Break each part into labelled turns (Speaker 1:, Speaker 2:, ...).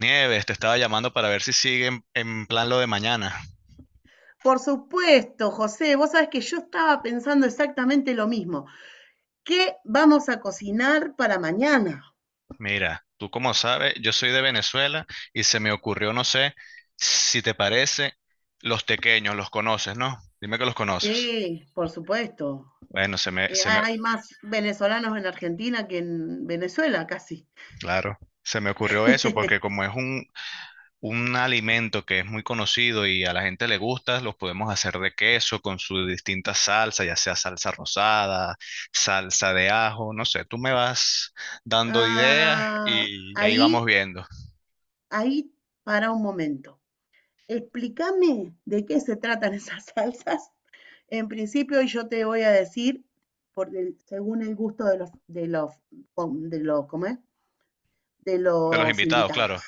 Speaker 1: Nieves, te estaba llamando para ver si siguen en plan lo de mañana.
Speaker 2: Por supuesto, José, vos sabés que yo estaba pensando exactamente lo mismo. ¿Qué vamos a cocinar para mañana?
Speaker 1: Mira, tú como sabes, yo soy de Venezuela y se me ocurrió, no sé, si te parece, los tequeños, los conoces, ¿no? Dime que los conoces.
Speaker 2: Sí, por supuesto.
Speaker 1: Bueno,
Speaker 2: Hay más venezolanos en Argentina que en Venezuela, casi.
Speaker 1: claro, se me ocurrió eso porque como es un alimento que es muy conocido y a la gente le gusta, los podemos hacer de queso con su distinta salsa, ya sea salsa rosada, salsa de ajo, no sé, tú me vas dando ideas
Speaker 2: Ah,
Speaker 1: y ahí vamos
Speaker 2: ahí,
Speaker 1: viendo.
Speaker 2: ahí, para un momento. Explícame de qué se tratan esas salsas. En principio, yo te voy a decir, según el gusto de los, ¿cómo es? De
Speaker 1: De los
Speaker 2: los
Speaker 1: invitados,
Speaker 2: invitados.
Speaker 1: claro.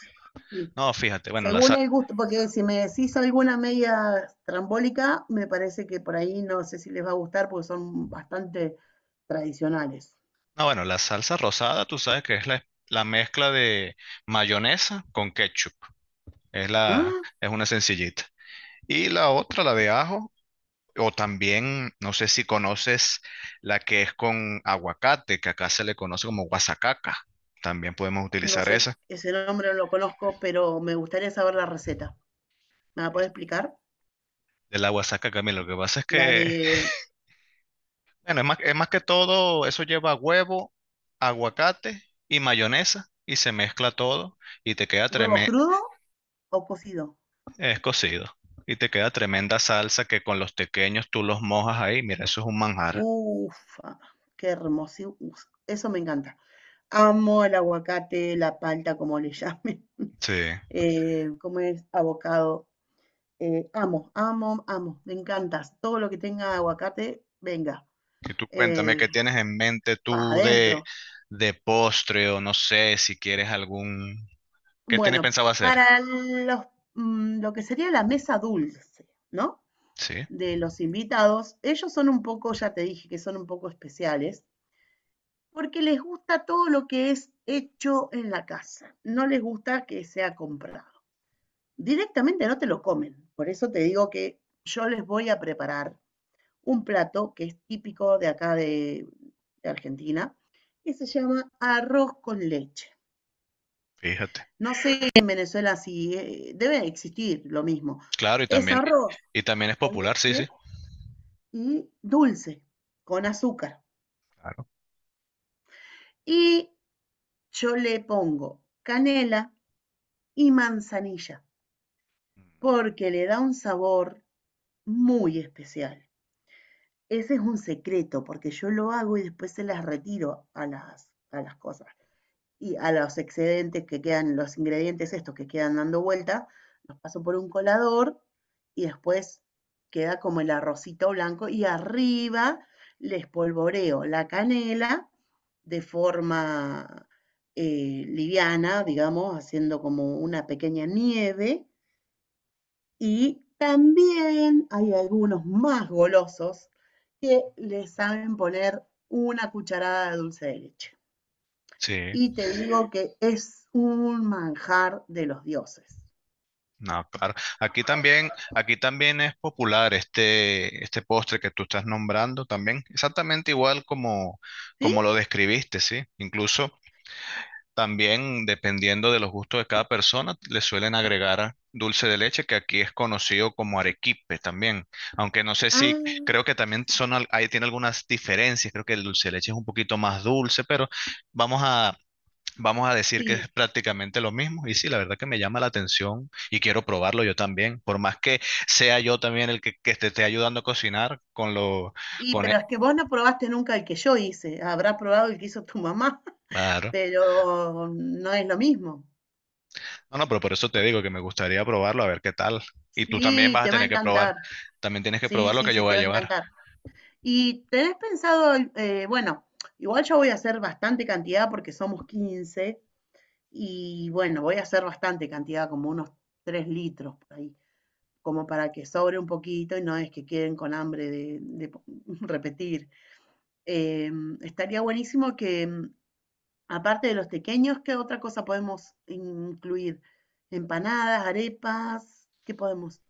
Speaker 2: Sí,
Speaker 1: No, fíjate, bueno,
Speaker 2: según el gusto, porque si me decís alguna media trambólica, me parece que por ahí no sé si les va a gustar porque son bastante tradicionales.
Speaker 1: no, bueno, la salsa rosada, tú sabes que es la mezcla de mayonesa con ketchup.
Speaker 2: Ah,
Speaker 1: Es una sencillita. Y la otra, la de ajo, o también, no sé si conoces la que es con aguacate, que acá se le conoce como guasacaca. También podemos
Speaker 2: no
Speaker 1: utilizar
Speaker 2: sé,
Speaker 1: esa.
Speaker 2: ese nombre no lo conozco, pero me gustaría saber la receta. ¿Me la podés
Speaker 1: Es-
Speaker 2: explicar?
Speaker 1: De la guasacaca, mira, lo que pasa es
Speaker 2: ¿La
Speaker 1: que,
Speaker 2: de
Speaker 1: bueno, es más que todo, eso lleva huevo, aguacate y mayonesa y se mezcla todo y te queda
Speaker 2: huevo crudo o cocido?
Speaker 1: es cocido. Y te queda tremenda salsa que con los tequeños tú los mojas ahí. Mira, eso es un manjar.
Speaker 2: Ufa, qué hermosísimo. Eso me encanta. Amo el aguacate, la palta, como le llamen.
Speaker 1: Sí.
Speaker 2: ¿Cómo es? Abocado. Amo, me encantas. Todo lo que tenga aguacate, venga,
Speaker 1: Y tú cuéntame
Speaker 2: eh,
Speaker 1: qué tienes en mente
Speaker 2: pa'
Speaker 1: tú
Speaker 2: adentro.
Speaker 1: de postre o no sé si quieres algún... ¿Qué tienes
Speaker 2: Bueno,
Speaker 1: pensado hacer?
Speaker 2: para lo que sería la mesa dulce, ¿no?
Speaker 1: Sí,
Speaker 2: De los invitados, ellos son un poco, ya te dije que son un poco especiales, porque les gusta todo lo que es hecho en la casa, no les gusta que sea comprado. Directamente no te lo comen, por eso te digo que yo les voy a preparar un plato que es típico de acá de Argentina, que se llama arroz con leche.
Speaker 1: fíjate.
Speaker 2: No sé en Venezuela si debe existir lo mismo.
Speaker 1: Claro, y
Speaker 2: Es
Speaker 1: también,
Speaker 2: arroz
Speaker 1: y también es
Speaker 2: con
Speaker 1: popular, sí, sí.
Speaker 2: leche y dulce, con azúcar.
Speaker 1: Claro.
Speaker 2: Y yo le pongo canela y manzanilla, porque le da un sabor muy especial. Ese es un secreto, porque yo lo hago y después se las retiro a las cosas. Y a los excedentes que quedan, los ingredientes estos que quedan dando vuelta, los paso por un colador y después queda como el arrocito blanco y arriba le espolvoreo la canela de forma liviana, digamos, haciendo como una pequeña nieve. Y también hay algunos más golosos que le saben poner una cucharada de dulce de leche,
Speaker 1: Sí,
Speaker 2: y te digo que es un manjar de los dioses.
Speaker 1: no, claro. Aquí también es popular este, este postre que tú estás nombrando también, exactamente igual como,
Speaker 2: ¿Sí?
Speaker 1: como lo describiste, ¿sí? Incluso también, dependiendo de los gustos de cada persona, le suelen agregar dulce de leche, que aquí es conocido como arequipe también. Aunque no sé si,
Speaker 2: Ah,
Speaker 1: creo que también son, ahí tiene algunas diferencias. Creo que el dulce de leche es un poquito más dulce, pero vamos a, vamos a decir que es
Speaker 2: sí.
Speaker 1: prácticamente lo mismo. Y sí, la verdad que me llama la atención y quiero probarlo yo también. Por más que sea yo también el que te esté ayudando a cocinar con lo,
Speaker 2: Y
Speaker 1: con
Speaker 2: pero
Speaker 1: e-
Speaker 2: es que vos no probaste nunca el que yo hice. Habrás probado el que hizo tu mamá,
Speaker 1: claro.
Speaker 2: pero no es lo mismo.
Speaker 1: No, no, pero por eso te digo que me gustaría probarlo, a ver qué tal. Y tú también
Speaker 2: Sí,
Speaker 1: vas a
Speaker 2: te va a
Speaker 1: tener que probar.
Speaker 2: encantar.
Speaker 1: También tienes que
Speaker 2: Sí,
Speaker 1: probar lo
Speaker 2: sí,
Speaker 1: que yo
Speaker 2: sí,
Speaker 1: voy
Speaker 2: te
Speaker 1: a
Speaker 2: va a
Speaker 1: llevar.
Speaker 2: encantar. ¿Y tenés pensado, bueno, igual yo voy a hacer bastante cantidad porque somos 15 y bueno, voy a hacer bastante cantidad, como unos 3 litros por ahí, como para que sobre un poquito y no es que queden con hambre de repetir. Eh, Estaría buenísimo que, aparte de los tequeños, ¿qué otra cosa podemos incluir? Empanadas, arepas, ¿qué podemos?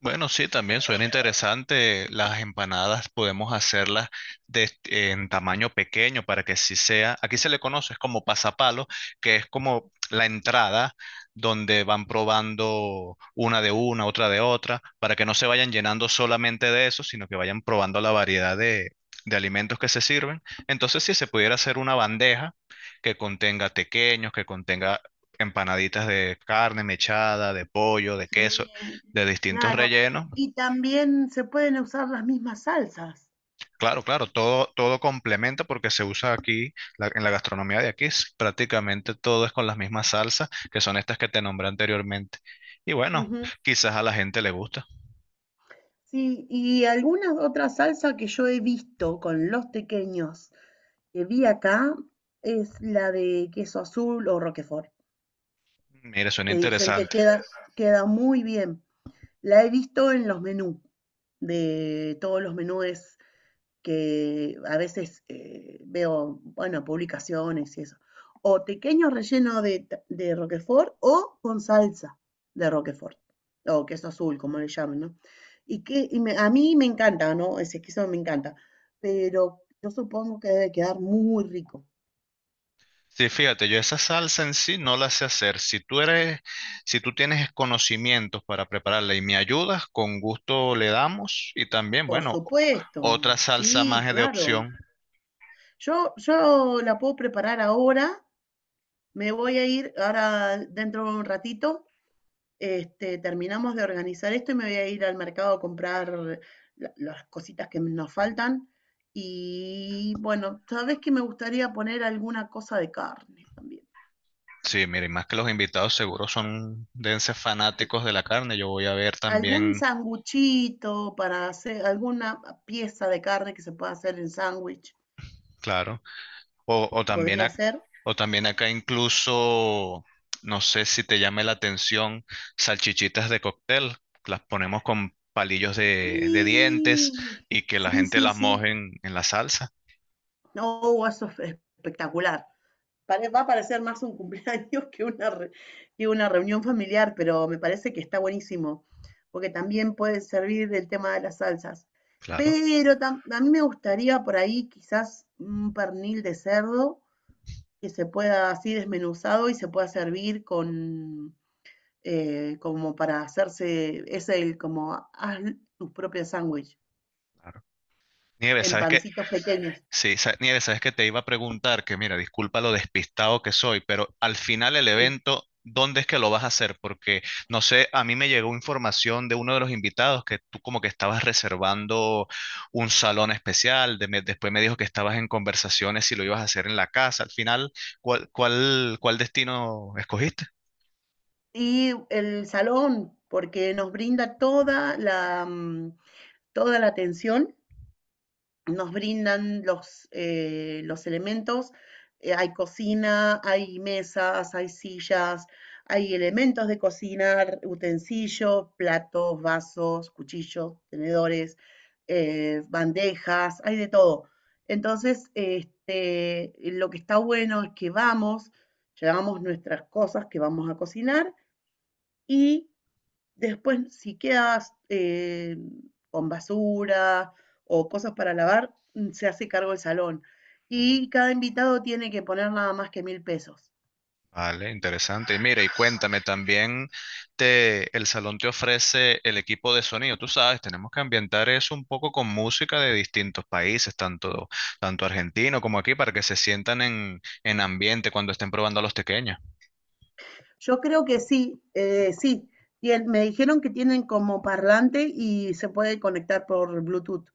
Speaker 1: Bueno, sí, también suena interesante. Las empanadas podemos hacerlas de, en tamaño pequeño para que sí sea. Aquí se le conoce es como pasapalo, que es como la entrada donde van probando una de una, otra de otra, para que no se vayan llenando solamente de eso, sino que vayan probando la variedad de alimentos que se sirven. Entonces, si se pudiera hacer una bandeja que contenga tequeños, que contenga empanaditas de carne mechada, de pollo, de queso
Speaker 2: Sí,
Speaker 1: de distintos
Speaker 2: claro.
Speaker 1: rellenos.
Speaker 2: Y también se pueden usar las mismas salsas.
Speaker 1: Claro, claro, todo, todo complementa porque se usa aquí, en la gastronomía de aquí, prácticamente todo es con las mismas salsas, que son estas que te nombré anteriormente. Y bueno,
Speaker 2: Ujú.
Speaker 1: quizás a la gente le gusta.
Speaker 2: Sí, y algunas otras salsas que yo he visto con los tequeños que vi acá es la de queso azul o roquefort,
Speaker 1: Mira, suena
Speaker 2: que dicen que
Speaker 1: interesante.
Speaker 2: queda, queda muy bien. La he visto en los menús, de todos los menús que a veces veo, bueno, publicaciones y eso. O pequeño relleno de Roquefort o con salsa de Roquefort, o queso azul, como le llaman, ¿no? A mí me encanta, ¿no? Ese queso me encanta, pero yo supongo que debe quedar muy rico.
Speaker 1: Sí, fíjate, yo esa salsa en sí no la sé hacer. Si tú eres, si tú tienes conocimientos para prepararla y me ayudas, con gusto le damos. Y también,
Speaker 2: Por
Speaker 1: bueno,
Speaker 2: supuesto,
Speaker 1: otra salsa
Speaker 2: sí,
Speaker 1: más de
Speaker 2: claro.
Speaker 1: opción.
Speaker 2: Yo la puedo preparar ahora, me voy a ir ahora dentro de un ratito, este, terminamos de organizar esto y me voy a ir al mercado a comprar las cositas que nos faltan. Y bueno, sabes que me gustaría poner alguna cosa de carne también.
Speaker 1: Sí, mire, más que los invitados seguro son dense
Speaker 2: Sí.
Speaker 1: fanáticos de la carne. Yo voy a ver
Speaker 2: Algún
Speaker 1: también,
Speaker 2: sanguchito para hacer, alguna pieza de carne que se pueda hacer en sándwich,
Speaker 1: claro, o, o también
Speaker 2: podría
Speaker 1: ac-
Speaker 2: ser.
Speaker 1: o también acá incluso, no sé si te llame la atención, salchichitas de cóctel. Las ponemos con palillos de dientes
Speaker 2: Sí,
Speaker 1: y que la
Speaker 2: sí,
Speaker 1: gente
Speaker 2: sí,
Speaker 1: las
Speaker 2: sí.
Speaker 1: moje en la salsa.
Speaker 2: No, eso es espectacular. Va a parecer más un cumpleaños que una reunión familiar, pero me parece que está buenísimo, porque también puede servir el tema de las salsas.
Speaker 1: Claro,
Speaker 2: A mí me gustaría por ahí quizás un pernil de cerdo que se pueda así desmenuzado y se pueda servir con, como para hacerse, es el como haz tus propios sándwich
Speaker 1: claro. Nieves,
Speaker 2: en
Speaker 1: ¿sabes qué?
Speaker 2: pancitos pequeños.
Speaker 1: Sí, Nieves, sabes que te iba a preguntar que, mira, disculpa lo despistado que soy, pero al final el
Speaker 2: Sí.
Speaker 1: evento, ¿dónde es que lo vas a hacer? Porque, no sé, a mí me llegó información de uno de los invitados que tú como que estabas reservando un salón especial, después me dijo que estabas en conversaciones si lo ibas a hacer en la casa. Al final, ¿cuál destino escogiste?
Speaker 2: Y el salón, porque nos brinda toda la, toda la atención, nos brindan los elementos, hay cocina, hay mesas, hay sillas, hay elementos de cocinar, utensilios, platos, vasos, cuchillos, tenedores, bandejas, hay de todo. Entonces, este, lo que está bueno es que vamos, llevamos nuestras cosas que vamos a cocinar. Y después, si quedas con basura o cosas para lavar, se hace cargo el salón. Y cada invitado tiene que poner nada más que 1000 pesos.
Speaker 1: Vale, interesante. Y mira, y cuéntame también, el salón te ofrece el equipo de sonido. Tú sabes, tenemos que ambientar eso un poco con música de distintos países, tanto argentino como aquí, para que se sientan en ambiente cuando estén probando a los tequeños.
Speaker 2: Yo creo que sí, sí. Me dijeron que tienen como parlante y se puede conectar por Bluetooth.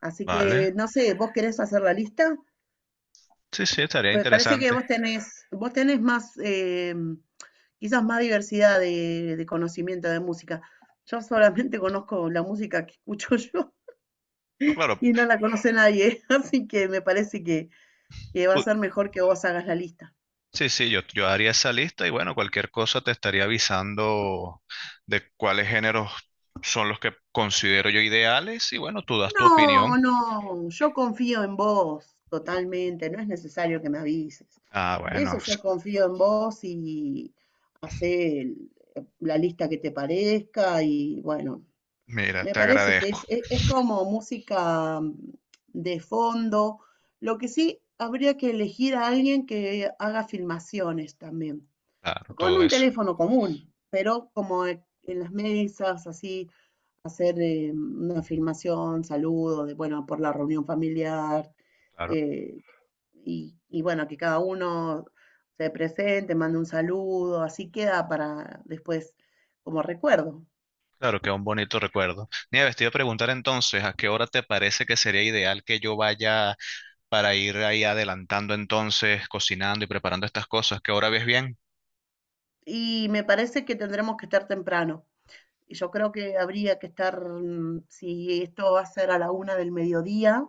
Speaker 2: Así que
Speaker 1: Vale,
Speaker 2: no sé, ¿vos querés hacer la lista?
Speaker 1: sí, sí, estaría
Speaker 2: Pues parece que
Speaker 1: interesante.
Speaker 2: vos tenés más, quizás más diversidad de conocimiento de música. Yo solamente conozco la música que escucho yo
Speaker 1: Ah, claro,
Speaker 2: y no la conoce nadie, así que me parece que va a
Speaker 1: u-
Speaker 2: ser mejor que vos hagas la lista.
Speaker 1: sí, sí, yo haría esa lista y bueno, cualquier cosa te estaría avisando de cuáles géneros son los que considero yo ideales y bueno, tú das tu opinión.
Speaker 2: No, no, yo confío en vos totalmente, no es necesario que me avises.
Speaker 1: Ah,
Speaker 2: Eso
Speaker 1: bueno.
Speaker 2: yo confío en vos y hacé la lista que te parezca y bueno,
Speaker 1: Mira,
Speaker 2: me
Speaker 1: te
Speaker 2: parece que
Speaker 1: agradezco.
Speaker 2: es como música de fondo. Lo que sí habría que elegir a alguien que haga filmaciones también,
Speaker 1: Claro,
Speaker 2: con
Speaker 1: todo
Speaker 2: un
Speaker 1: eso.
Speaker 2: teléfono común, pero como en las mesas, así, hacer una filmación, saludo de, bueno, por la reunión familiar,
Speaker 1: Claro,
Speaker 2: eh, y bueno, que cada uno se presente, mande un saludo, así queda para después como recuerdo.
Speaker 1: claro, que un bonito recuerdo. Nieves, te iba a preguntar entonces, ¿a qué hora te parece que sería ideal que yo vaya para ir ahí adelantando entonces, cocinando y preparando estas cosas? ¿Qué hora ves bien?
Speaker 2: Y me parece que tendremos que estar temprano. Y yo creo que habría que estar, si esto va a ser a la 1 del mediodía,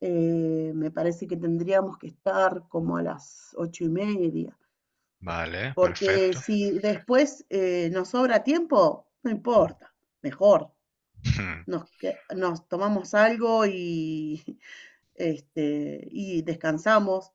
Speaker 2: me parece que tendríamos que estar como a las 8:30.
Speaker 1: Vale,
Speaker 2: Porque
Speaker 1: perfecto.
Speaker 2: si después nos sobra tiempo, no importa, mejor. Nos tomamos algo y, este, y descansamos,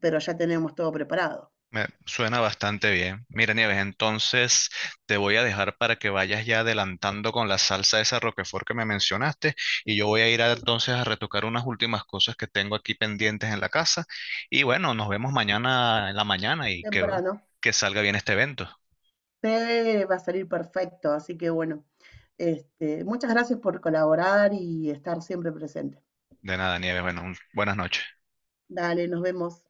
Speaker 2: pero ya tenemos todo preparado.
Speaker 1: Me suena bastante bien. Mira, Nieves, entonces te voy a dejar para que vayas ya adelantando con la salsa esa Roquefort que me mencionaste y
Speaker 2: Sí,
Speaker 1: yo voy a ir
Speaker 2: sí,
Speaker 1: entonces a retocar unas últimas cosas que tengo aquí pendientes en la casa y bueno, nos vemos mañana en la mañana y
Speaker 2: temprano.
Speaker 1: que salga bien este evento.
Speaker 2: Sí, va a salir perfecto. Así que bueno, este, muchas gracias por colaborar y estar siempre presente.
Speaker 1: De nada, Nieves, bueno, buenas noches.
Speaker 2: Dale, nos vemos.